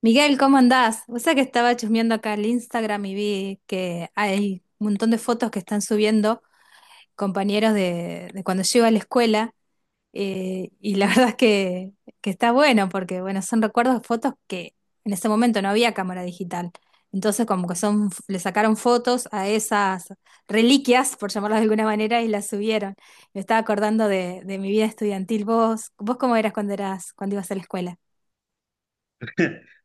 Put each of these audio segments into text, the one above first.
Miguel, ¿cómo andás? O sea que estaba chusmeando acá el Instagram y vi que hay un montón de fotos que están subiendo compañeros de cuando yo iba a la escuela, y la verdad es que está bueno porque bueno, son recuerdos de fotos que en ese momento no había cámara digital. Entonces como que son, le sacaron fotos a esas reliquias, por llamarlas de alguna manera, y las subieron. Me estaba acordando de mi vida estudiantil. ¿Vos cómo eras, cuando ibas a la escuela?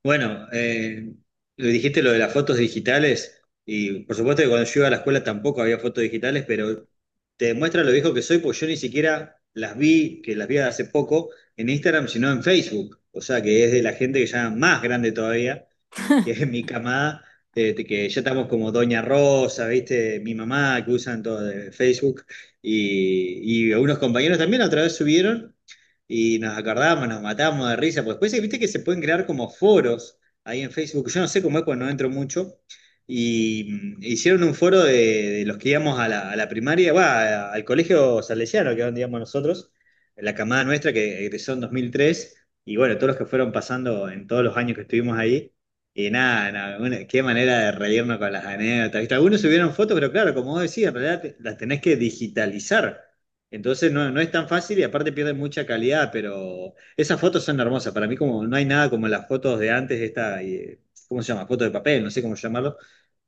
Bueno, lo dijiste lo de las fotos digitales y por supuesto que cuando yo iba a la escuela tampoco había fotos digitales, pero te demuestra lo viejo que soy, pues yo ni siquiera las vi, que las vi hace poco en Instagram, sino en Facebook, o sea que es de la gente que ya más grande todavía que es mi camada, de que ya estamos como Doña Rosa, ¿viste? Mi mamá, que usan todo de Facebook, y algunos compañeros también otra vez subieron y nos acordábamos, nos matábamos de risa, pues después, ¿viste que se pueden crear como foros ahí en Facebook? Yo no sé cómo es cuando no entro mucho. Y hicieron un foro de, los que íbamos a la primaria, va, al colegio salesiano, que es donde íbamos nosotros, la camada nuestra que egresó en 2003, y bueno, todos los que fueron pasando en todos los años que estuvimos ahí, y nada, nada, qué manera de reírnos con las anécdotas. ¿Viste? Algunos subieron fotos, pero claro, como vos decías, en realidad las tenés que digitalizar. Entonces no, no es tan fácil y aparte pierden mucha calidad, pero esas fotos son hermosas. Para mí como no hay nada como las fotos de antes, ¿cómo se llama? Foto de papel, no sé cómo llamarlo,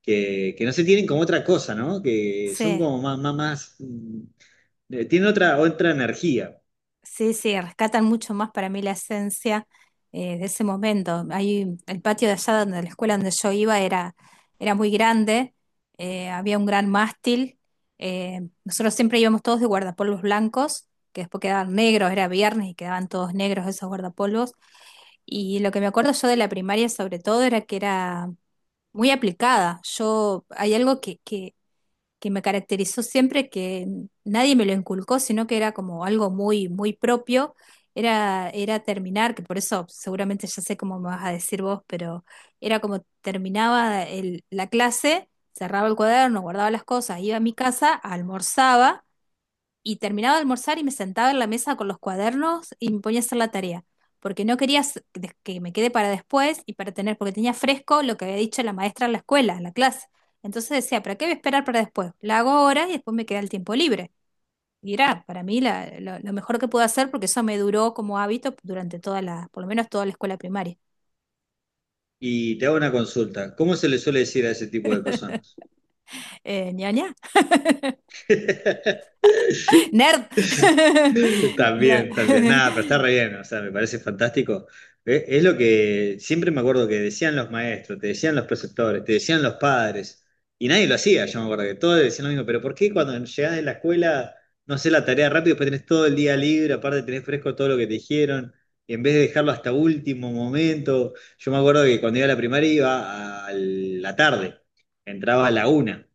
que no se tienen como otra cosa, ¿no? Que son Sí. como más, más, más, tienen otra energía. Sí, sí, rescatan mucho más para mí la esencia, de ese momento. Ahí, el patio de allá donde la escuela donde yo iba era muy grande. Había un gran mástil. Nosotros siempre íbamos todos de guardapolvos blancos, que después quedaban negros, era viernes y quedaban todos negros esos guardapolvos. Y lo que me acuerdo yo de la primaria sobre todo era que era muy aplicada. Yo, hay algo que que me caracterizó siempre, que nadie me lo inculcó, sino que era como algo muy, muy propio, era terminar, que por eso seguramente ya sé cómo me vas a decir vos, pero era como terminaba la clase, cerraba el cuaderno, guardaba las cosas, iba a mi casa, almorzaba y terminaba de almorzar y me sentaba en la mesa con los cuadernos y me ponía a hacer la tarea, porque no quería que me quede para después y para tener, porque tenía fresco lo que había dicho la maestra en la escuela, en la clase. Entonces decía, ¿para qué voy a esperar para después? La hago ahora y después me queda el tiempo libre. Y era para mí lo mejor que pude hacer porque eso me duró como hábito durante toda la, por lo menos toda la escuela primaria. Y te hago una consulta. ¿Cómo se le suele decir a ese tipo de personas? Ña, ña. Nerd. No. También, también. Nada, pero está re bien, o sea, me parece fantástico. Es lo que siempre me acuerdo que decían los maestros, te decían los preceptores, te decían los padres, y nadie lo hacía, yo me acuerdo que todos decían lo mismo, pero ¿por qué cuando llegás de la escuela no haces la tarea rápido, después tenés todo el día libre, aparte tenés fresco todo lo que te dijeron, y en vez de dejarlo hasta último momento? Yo me acuerdo que cuando iba a la primaria iba a la tarde, entraba a la una.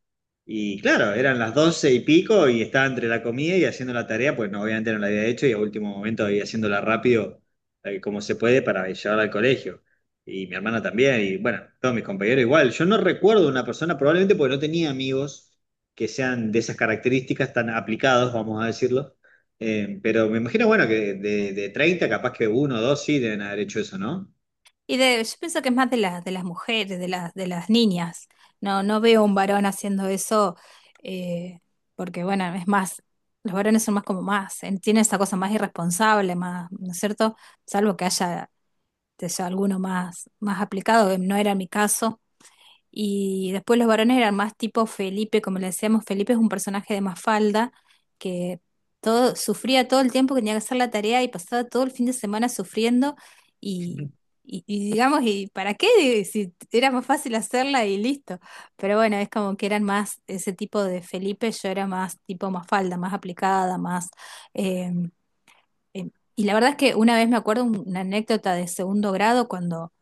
Y claro, eran las doce y pico y estaba entre la comida y haciendo la tarea, pues no, obviamente no la había hecho y a último momento había haciéndola rápido, como se puede, para llevarla al colegio. Y mi hermana también, y bueno, todos mis compañeros igual. Yo no recuerdo una persona, probablemente porque no tenía amigos que sean de esas características tan aplicados, vamos a decirlo. Pero me imagino, bueno, que de 30, capaz que uno o dos sí deben haber hecho eso, ¿no? Y yo pienso que es más de las mujeres, de las niñas. No, no veo un varón haciendo eso, eh, porque bueno, es más, los varones son más como más, tienen esa cosa más irresponsable, más, ¿no es cierto? Salvo que haya, que sea alguno más, más aplicado. No era mi caso. Y después los varones eran más tipo Felipe, como le decíamos, Felipe es un personaje de Mafalda que todo, sufría todo el tiempo que tenía que hacer la tarea y pasaba todo el fin de semana sufriendo y, y digamos, ¿y para qué? Si era más fácil hacerla y listo. Pero bueno, es como que eran más ese tipo de Felipe, yo era más tipo Mafalda, más aplicada, más... eh, y la verdad es que una vez me acuerdo una anécdota de segundo grado cuando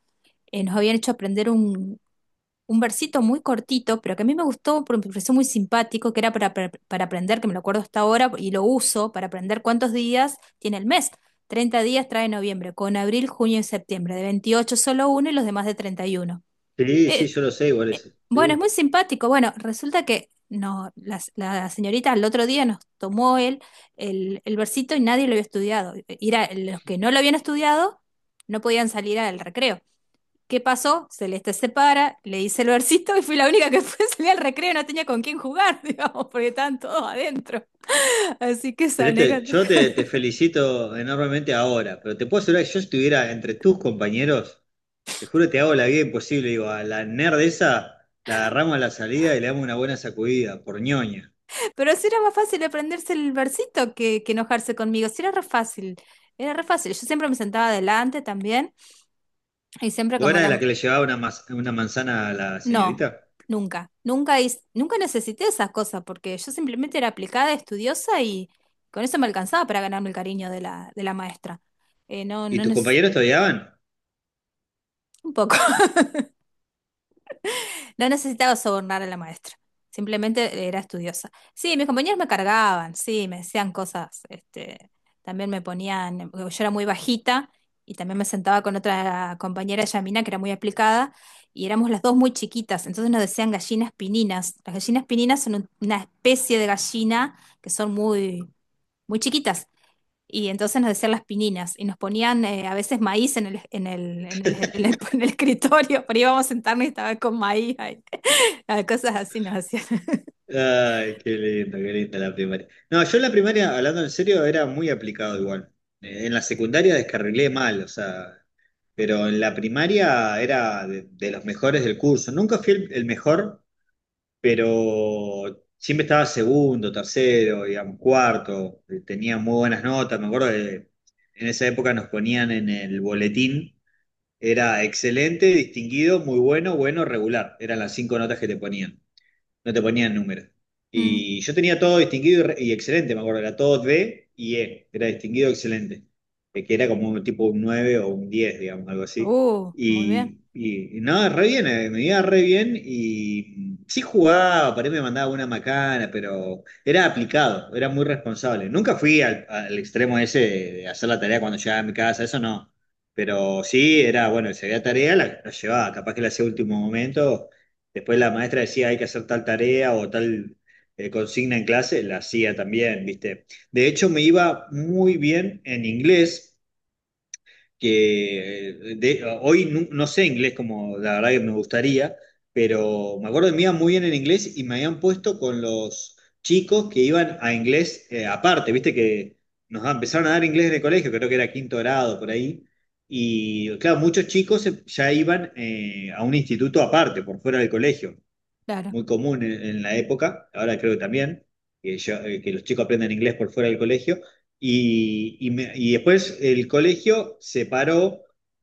nos habían hecho aprender un versito muy cortito, pero que a mí me gustó porque me pareció muy simpático, que era para aprender, que me lo acuerdo hasta ahora y lo uso para aprender cuántos días tiene el mes. 30 días trae noviembre, con abril, junio y septiembre. De 28 solo uno y los demás de 31. Sí, sí, Eh, yo lo sé, igual eh, eso. bueno, es Sí. muy simpático. Bueno, resulta que no, la señorita el otro día nos tomó el versito y nadie lo había estudiado. Era, los que no lo habían estudiado no podían salir al recreo. ¿Qué pasó? Celeste se para, le hice el versito y fui la única que fue salir al recreo y no tenía con quién jugar, digamos, porque estaban todos adentro. Así que esa Celeste, anécdota. yo te felicito enormemente ahora, pero te puedo asegurar que yo estuviera entre tus compañeros, te juro que te hago la vida imposible, digo, a la nerd esa la agarramos a la salida y le damos una buena sacudida, por ñoña. Pero sí era más fácil aprenderse el versito que enojarse conmigo. Sí era re fácil. Era re fácil. Yo siempre me sentaba adelante también y siempre ¿Vos como eras de la la... que le llevaba una, una manzana a la No, señorita? nunca. Nunca necesité esas cosas porque yo simplemente era aplicada, estudiosa y con eso me alcanzaba para ganarme el cariño de de la maestra. No, ¿Y tus compañeros te odiaban? un poco. No necesitaba sobornar a la maestra, simplemente era estudiosa. Sí, mis compañeros me cargaban, sí, me decían cosas, este, también me ponían, porque yo era muy bajita y también me sentaba con otra compañera, Yamina, que era muy aplicada, y éramos las dos muy chiquitas, entonces nos decían gallinas pininas. Las gallinas pininas son una especie de gallina que son muy, muy chiquitas y entonces nos decían las pininas y nos ponían a veces maíz en en el escritorio, pero íbamos a sentarnos y estaba con maíz ahí. Cosas así nos hacían. Ay, qué lindo, qué linda la primaria. No, yo en la primaria, hablando en serio, era muy aplicado igual. En la secundaria descarrilé mal, o sea, pero en la primaria era de, los mejores del curso. Nunca fui el mejor, pero siempre estaba segundo, tercero, digamos, cuarto. Tenía muy buenas notas. Me acuerdo de, en esa época nos ponían en el boletín, era excelente, distinguido, muy bueno, bueno, regular. Eran las cinco notas que te ponían, no te ponían número. Mm. Y yo tenía todo distinguido y, y excelente, me acuerdo, era todo D y E, era distinguido excelente, que era como un tipo un 9 o un 10, digamos, algo así. Muy bien, Y no, re bien, me iba re bien y sí jugaba, por ahí me mandaba una macana, pero era aplicado, era muy responsable. Nunca fui al extremo ese de hacer la tarea cuando llegaba a mi casa, eso no. Pero sí, era, bueno, si había tarea, la llevaba, capaz que la hacía a último momento. Después la maestra decía hay que hacer tal tarea o tal consigna en clase, la hacía también, ¿viste? De hecho, me iba muy bien en inglés, que hoy no sé inglés como la verdad que me gustaría, pero me acuerdo que me iba muy bien en inglés y me habían puesto con los chicos que iban a inglés aparte, ¿viste? Que nos empezaron a dar inglés en el colegio, creo que era quinto grado por ahí. Y claro, muchos chicos ya iban a un instituto aparte, por fuera del colegio, claro. muy común en, la época, ahora creo que también, que, que los chicos aprenden inglés por fuera del colegio, y después el colegio separó,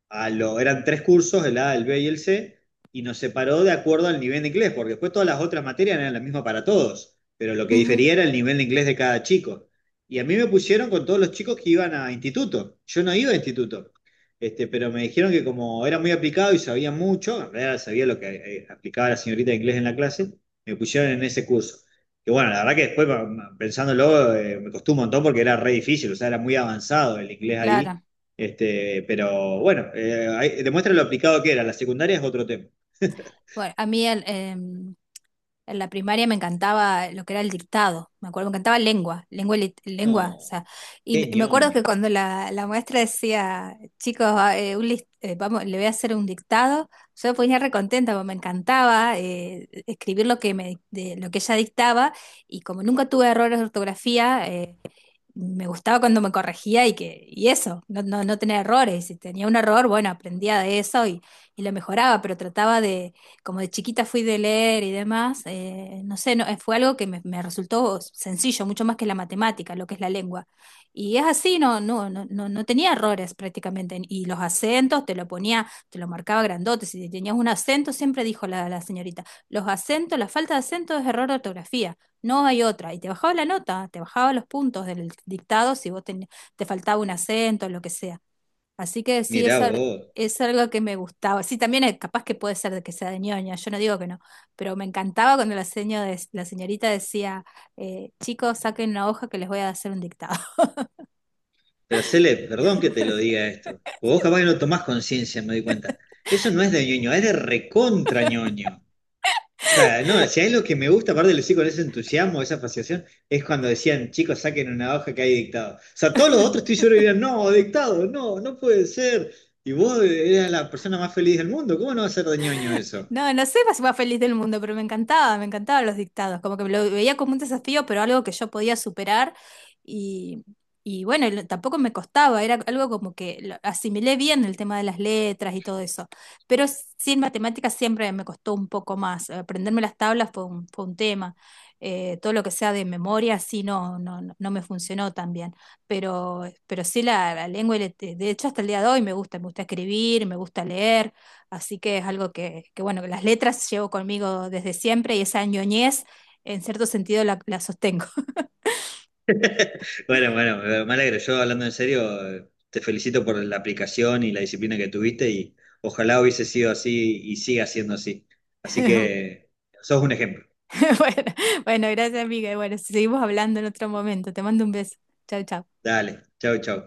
eran tres cursos, el A, el B y el C, y nos separó de acuerdo al nivel de inglés, porque después todas las otras materias eran las mismas para todos, pero lo que Ujú, difería era el nivel de inglés de cada chico. Y a mí me pusieron con todos los chicos que iban a instituto. Yo no iba a instituto. Este, pero me dijeron que como era muy aplicado y sabía mucho, en realidad sabía lo que aplicaba la señorita de inglés en la clase, me pusieron en ese curso. Que bueno, la verdad que después pensándolo me costó un montón porque era re difícil, o sea, era muy avanzado el inglés ahí. claro. Este, pero bueno, demuestra lo aplicado que era. La secundaria es otro tema. Bueno, a mí en la primaria me encantaba lo que era el dictado, me acuerdo, me encantaba lengua, o No, sea, qué y me acuerdo ñoño. que cuando la maestra decía, chicos, vamos, le voy a hacer un dictado, yo me ponía recontenta, porque me encantaba escribir lo lo que ella dictaba, y como nunca tuve errores de ortografía, me gustaba cuando me corregía y que, y eso, no, no, no tener errores. Si tenía un error, bueno, aprendía de eso y lo mejoraba, pero trataba de, como de chiquita fui de leer y demás, no sé, no, fue algo que resultó sencillo, mucho más que la matemática, lo que es la lengua. Y es así, no, no, no, no, no tenía errores prácticamente. Y los acentos te lo ponía, te lo marcaba grandote. Si tenías un acento, siempre dijo la señorita, los acentos, la falta de acento es error de ortografía. No hay otra. Y te bajaba la nota, te bajaba los puntos del dictado si te faltaba un acento, lo que sea. Así que sí, Mirá vos. es algo que me gustaba. Sí, también es capaz que puede ser de que sea de ñoña, yo no digo que no, pero me encantaba cuando la señorita decía, chicos, saquen una hoja que les voy a hacer un dictado. Pero Cele, perdón que te lo diga esto. Vos capaz que no tomás conciencia, me doy cuenta. Eso no es de ñoño, es de recontra ñoño. O sea, no, si hay lo que me gusta, aparte lo decía con ese entusiasmo, esa fascinación, es cuando decían, chicos, saquen una hoja que hay dictado. O sea, todos los otros estoy seguro que dirían, no, dictado, no, no puede ser. Y vos eras la persona más feliz del mundo, ¿cómo no va a ser de ñoño eso? No, no sé la más feliz del mundo, pero me encantaba, me encantaban los dictados, como que lo veía como un desafío, pero algo que yo podía superar y, y bueno, tampoco me costaba, era algo como que lo asimilé bien el tema de las letras y todo eso, pero sí en matemáticas siempre me costó un poco más, aprenderme las tablas fue un tema, todo lo que sea de memoria sí no, no, no me funcionó tan bien, pero sí la lengua, de hecho hasta el día de hoy me gusta escribir, me gusta leer. Así que es algo bueno, que las letras llevo conmigo desde siempre y esa ñoñez, en cierto sentido, la sostengo. Bueno, bueno, me alegro. Yo hablando en serio, te felicito por la aplicación y la disciplina que tuviste y ojalá hubiese sido así y siga siendo así. Así que sos un ejemplo. Bueno, bueno, gracias, amiga. Y bueno, seguimos hablando en otro momento. Te mando un beso. Chau, chau. Dale, chau, chau.